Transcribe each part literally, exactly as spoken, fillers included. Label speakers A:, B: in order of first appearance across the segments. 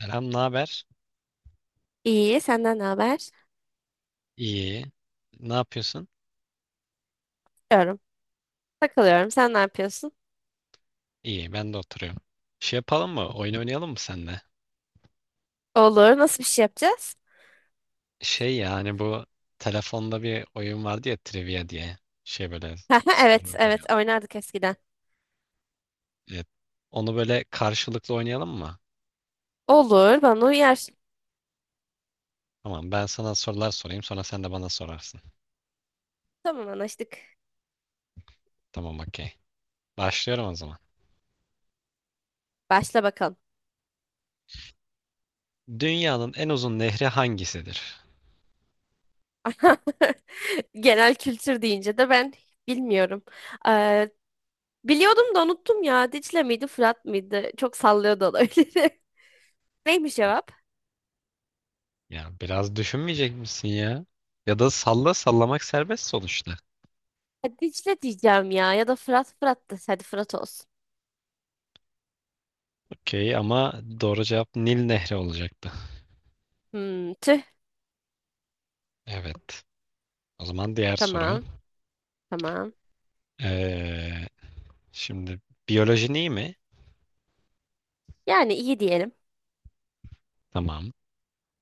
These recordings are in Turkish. A: Selam, ne haber?
B: İyi, senden ne haber?
A: İyi. Ne yapıyorsun?
B: Diyorum. Takılıyorum. Sen ne yapıyorsun?
A: İyi, ben de oturuyorum. Şey yapalım mı? Oyun oynayalım mı seninle?
B: Olur, nasıl bir şey yapacağız?
A: Şey yani bu telefonda bir oyun vardı ya trivia diye. Şey böyle
B: Evet,
A: soru biliyorum.
B: evet, oynardık eskiden.
A: Evet. Onu böyle karşılıklı oynayalım mı?
B: Olur, bana uyar.
A: Tamam, ben sana sorular sorayım, sonra sen de bana sorarsın.
B: Tamam, anlaştık.
A: Tamam, okey. Başlıyorum o zaman.
B: Başla bakalım.
A: Dünyanın en uzun nehri hangisidir?
B: Genel kültür deyince de ben bilmiyorum. Ee, Biliyordum da unuttum ya. Dicle miydi, Fırat mıydı? Çok sallıyordu olabilir. Neymiş cevap?
A: Ya biraz düşünmeyecek misin ya? Ya da salla, sallamak serbest sonuçta.
B: Ha, Dicle diyeceğim ya. Ya da Fırat, Fırat da. Hadi Fırat olsun.
A: Okey ama doğru cevap Nil Nehri olacaktı.
B: Hmm, tüh.
A: Evet. O zaman diğer soru.
B: Tamam, tamam.
A: Ee, Şimdi biyolojin iyi mi?
B: Yani iyi diyelim.
A: Tamam.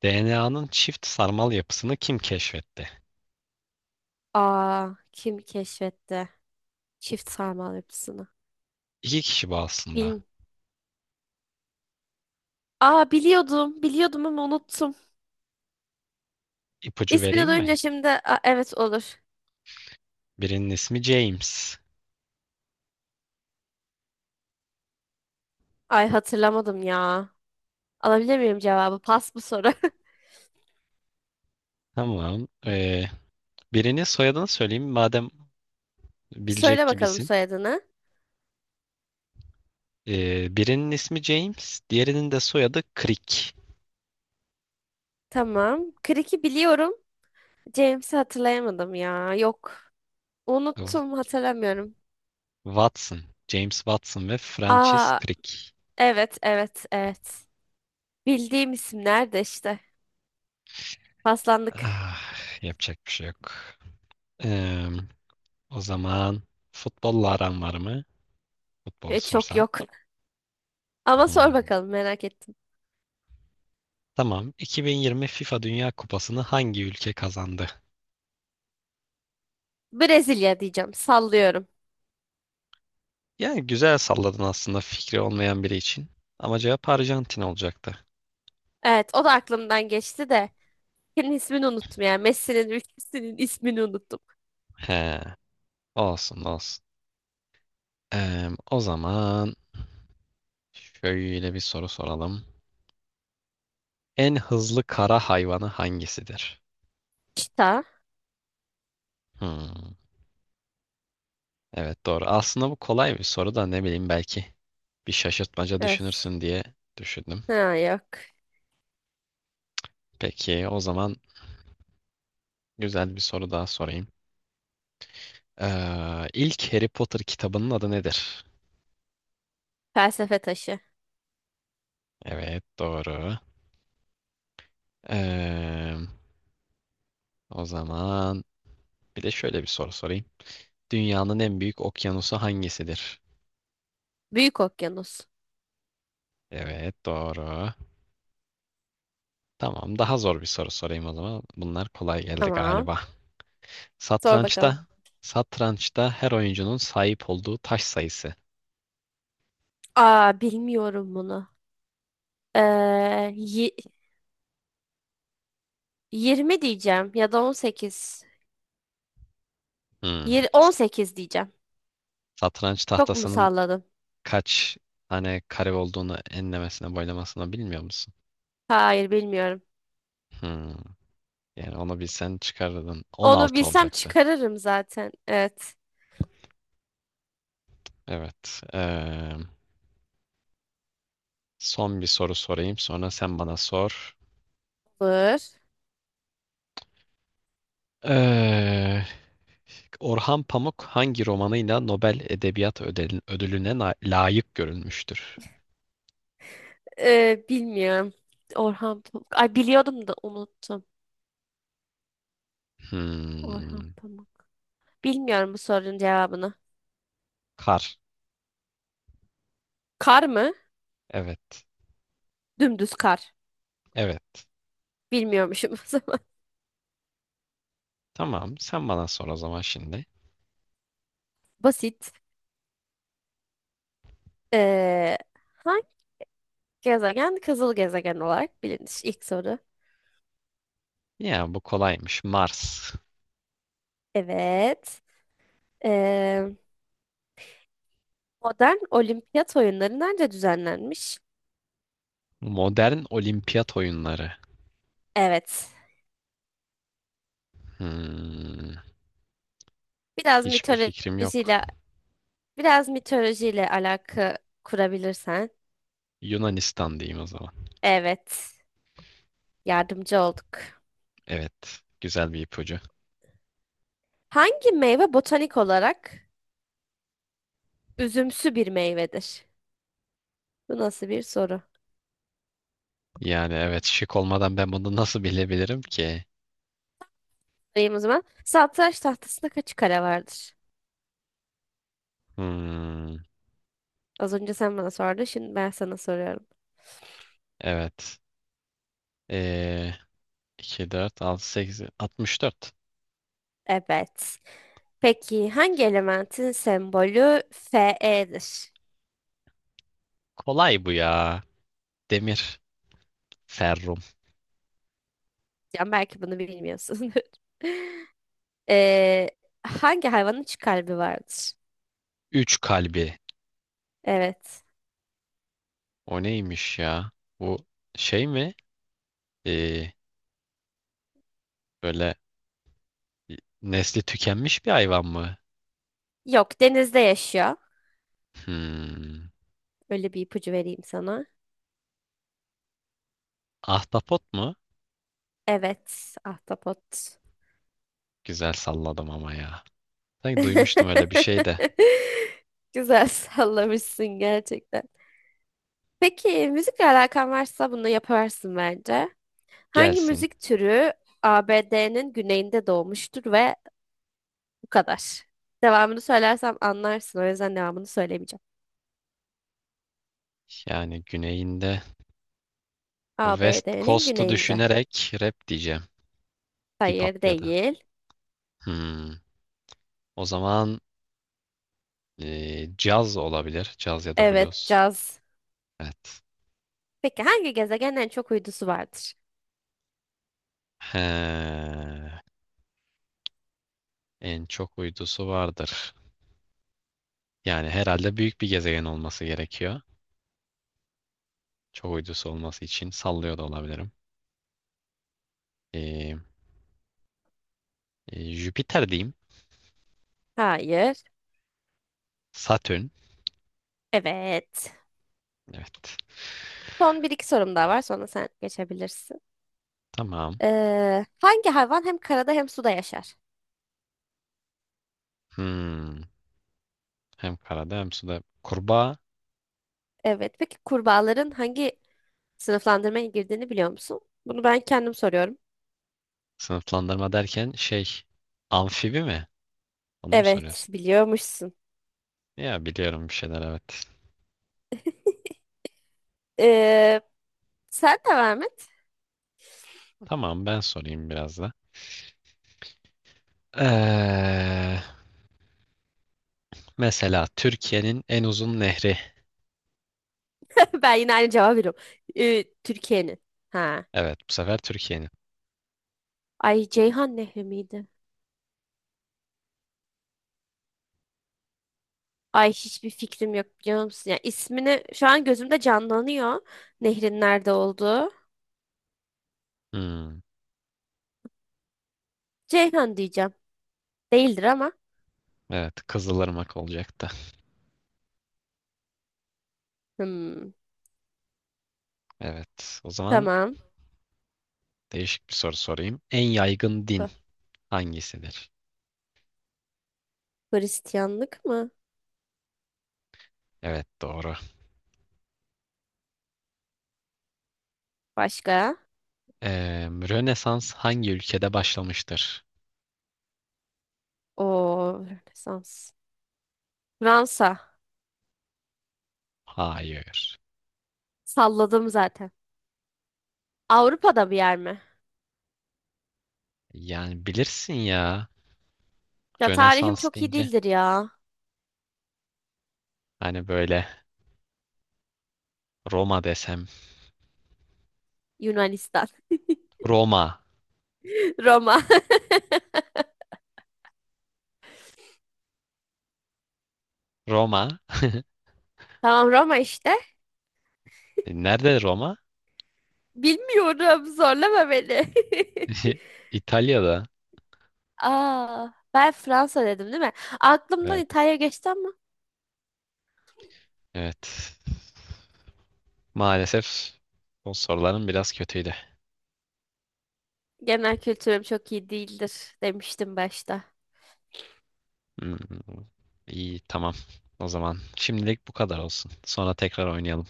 A: D N A'nın çift sarmal yapısını kim keşfetti?
B: Aa, kim keşfetti çift sarmal yapısını?
A: İki kişi bu aslında.
B: Bilin. Aa biliyordum, biliyordum ama unuttum.
A: İpucu
B: İsmini
A: vereyim mi?
B: duyunca şimdi aa, evet olur.
A: Birinin ismi James.
B: Ay hatırlamadım ya. Alabilir miyim cevabı? Pas bu soru.
A: Tamam. Ee, birinin soyadını söyleyeyim madem
B: Bir
A: bilecek
B: söyle bakalım
A: gibisin.
B: soyadını.
A: Ee, birinin ismi James, diğerinin de soyadı Crick.
B: Tamam. Crick'i biliyorum. James'i hatırlayamadım ya. Yok. Unuttum, hatırlamıyorum.
A: Watson. James Watson ve Francis
B: Aa
A: Crick.
B: evet, evet, evet. Bildiğim isimler de işte. Paslandık.
A: Ah, yapacak bir şey yok. Eee, O zaman futbolla aran var mı? Futbol
B: E, çok
A: sorsam.
B: yok. Ama sor
A: Hmm.
B: bakalım merak ettim.
A: Tamam. iki bin yirmi FIFA Dünya Kupası'nı hangi ülke kazandı?
B: Brezilya diyeceğim. Sallıyorum.
A: Yani güzel salladın aslında fikri olmayan biri için. Ama cevap Arjantin olacaktı.
B: Evet, o da aklımdan geçti de. Senin ismini unuttum ya. Messi'nin ülkesinin ismini unuttum.
A: He, olsun olsun. Eee, o zaman şöyle bir soru soralım. En hızlı kara hayvanı hangisidir?
B: Çita.
A: Hmm. Evet doğru. Aslında bu kolay bir soru da ne bileyim, belki bir şaşırtmaca
B: Evet.
A: düşünürsün diye düşündüm.
B: Ha yok.
A: Peki o zaman güzel bir soru daha sorayım. Ee, ilk Harry Potter kitabının adı nedir?
B: Felsefe taşı.
A: Evet doğru. Ee, O zaman bir de şöyle bir soru sorayım. Dünyanın en büyük okyanusu hangisidir?
B: Büyük okyanus.
A: Evet doğru. Tamam, daha zor bir soru sorayım o zaman. Bunlar kolay geldi
B: Tamam.
A: galiba.
B: Sor bakalım.
A: Satrançta, satrançta her oyuncunun sahip olduğu taş sayısı.
B: Aa bilmiyorum bunu. Ee, yi- yirmi diyeceğim ya da on sekiz.
A: Hmm.
B: Yir- on sekiz diyeceğim.
A: Satranç
B: Çok mu
A: tahtasının
B: salladım?
A: kaç tane kare olduğunu enlemesine boylamasına bilmiyor musun?
B: Hayır bilmiyorum.
A: Hmm. Yani onu bilsen çıkarırdın.
B: Onu
A: on altı
B: bilsem
A: olacaktı.
B: çıkarırım zaten. Evet.
A: Evet. Eee, son bir soru sorayım. Sonra sen bana sor.
B: Olur.
A: Eee, Orhan Pamuk hangi romanıyla Nobel Edebiyat Ödel- Ödülüne na- layık görülmüştür?
B: Ee, bilmiyorum. Orhan Pamuk. Ay biliyordum da unuttum. Orhan
A: Hmm.
B: Pamuk. Bilmiyorum bu sorunun cevabını.
A: Kar.
B: Kar mı?
A: Evet.
B: Dümdüz kar.
A: Evet.
B: Bilmiyormuşum o zaman.
A: Tamam. Sen bana sor o zaman şimdi.
B: Basit. Ee, Hangi gezegen kızıl gezegen olarak bilinir? İlk soru.
A: Ya bu kolaymış. Mars.
B: Evet. Ee, Modern olimpiyat oyunları nerede düzenlenmiş?
A: Modern olimpiyat oyunları.
B: Evet.
A: Hmm,
B: Biraz
A: hiçbir fikrim yok.
B: mitolojiyle Biraz mitolojiyle alaka kurabilirsen.
A: Yunanistan diyeyim o zaman.
B: Evet. Yardımcı olduk.
A: Evet, güzel bir ipucu.
B: Hangi meyve botanik olarak üzümsü bir meyvedir? Bu nasıl bir soru?
A: Yani evet, şık olmadan ben bunu nasıl bilebilirim ki?
B: Sorayım o zaman. Satranç tahtasında kaç kare vardır?
A: Hmm,
B: Az önce sen bana sordun, şimdi ben sana soruyorum.
A: evet. Ee, iki, dört, altı, sekiz, altmış dört.
B: Evet. Peki hangi elementin sembolü Fe'dir?
A: Kolay bu ya. Demir, ferrum.
B: Yani belki bunu bilmiyorsun. Ee, Hangi hayvanın üç kalbi vardır?
A: Üç kalbi.
B: Evet.
A: O neymiş ya? Bu şey mi? Ee, Böyle nesli tükenmiş bir hayvan mı?
B: Yok, denizde yaşıyor.
A: Hmm,
B: Öyle bir ipucu vereyim sana.
A: ahtapot mu?
B: Evet, ahtapot.
A: Güzel salladım ama ya. Sanki duymuştum öyle bir şey de.
B: Güzel sallamışsın gerçekten. Peki müzikle alakan varsa bunu yaparsın bence. Hangi
A: Gelsin.
B: müzik türü A B D'nin güneyinde doğmuştur ve bu kadar. Devamını söylersem anlarsın. O yüzden devamını söylemeyeceğim.
A: Yani güneyinde West
B: A B D'nin
A: Coast'u
B: güneyinde.
A: düşünerek rap diyeceğim. Hip hop
B: Hayır
A: ya da.
B: değil.
A: Hmm. O zaman eee, caz olabilir. Caz ya da
B: Evet
A: blues.
B: caz.
A: Evet.
B: Peki hangi gezegenin en çok uydusu vardır?
A: He. En çok uydusu vardır. Yani herhalde büyük bir gezegen olması gerekiyor. Çok uydusu olması için sallıyor da olabilirim. Eee, e, Jüpiter diyeyim.
B: Hayır.
A: Satürn.
B: Evet.
A: Evet.
B: Son bir iki sorum daha var sonra sen geçebilirsin.
A: Tamam.
B: Ee, hangi hayvan hem karada hem suda yaşar?
A: Hmm. Hem karada hem suda. Kurbağa.
B: Evet. Peki kurbağaların hangi sınıflandırmaya girdiğini biliyor musun? Bunu ben kendim soruyorum.
A: Sınıflandırma derken şey, amfibi mi? Onu mu
B: Evet,
A: soruyorsun?
B: biliyormuşsun.
A: Ya biliyorum bir şeyler, evet.
B: Ee, Sen de Mehmet.
A: Tamam, ben sorayım biraz da. Ee, Mesela Türkiye'nin en uzun nehri.
B: Ben yine aynı cevabı veriyorum. Ee, Türkiye'nin. Ha.
A: Evet bu sefer Türkiye'nin.
B: Ay Ceyhan Nehri miydi? Ay hiçbir fikrim yok biliyor musun? Ya ismini şu an gözümde canlanıyor. Nehrin nerede olduğu.
A: Hmm,
B: Ceyhan diyeceğim. Değildir ama.
A: evet, Kızılırmak olacaktı.
B: Hmm,
A: Evet, o zaman
B: tamam.
A: değişik bir soru sorayım. En yaygın din
B: Dur.
A: hangisidir?
B: Hristiyanlık mı?
A: Evet doğru.
B: Başka?
A: Ee, Rönesans hangi ülkede başlamıştır?
B: O Rönesans. Fransa.
A: Hayır.
B: Salladım zaten. Avrupa'da bir yer mi?
A: Yani bilirsin ya.
B: Ya tarihim
A: Rönesans
B: çok iyi
A: deyince
B: değildir ya.
A: hani böyle, Roma desem.
B: Yunanistan.
A: Roma.
B: Roma.
A: Roma.
B: Tamam Roma işte.
A: E, nerede Roma?
B: Bilmiyorum. Zorlama beni.
A: İtalya'da.
B: Aa, ben Fransa dedim değil mi? Aklımdan
A: Evet.
B: İtalya geçti ama
A: Evet. Maalesef bu soruların biraz kötüydü.
B: genel kültürüm çok iyi değildir demiştim başta.
A: Hmm, iyi, tamam. O zaman şimdilik bu kadar olsun. Sonra tekrar oynayalım.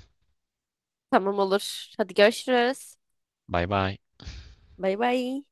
B: Tamam olur. Hadi görüşürüz.
A: Bay bay.
B: Bay bay.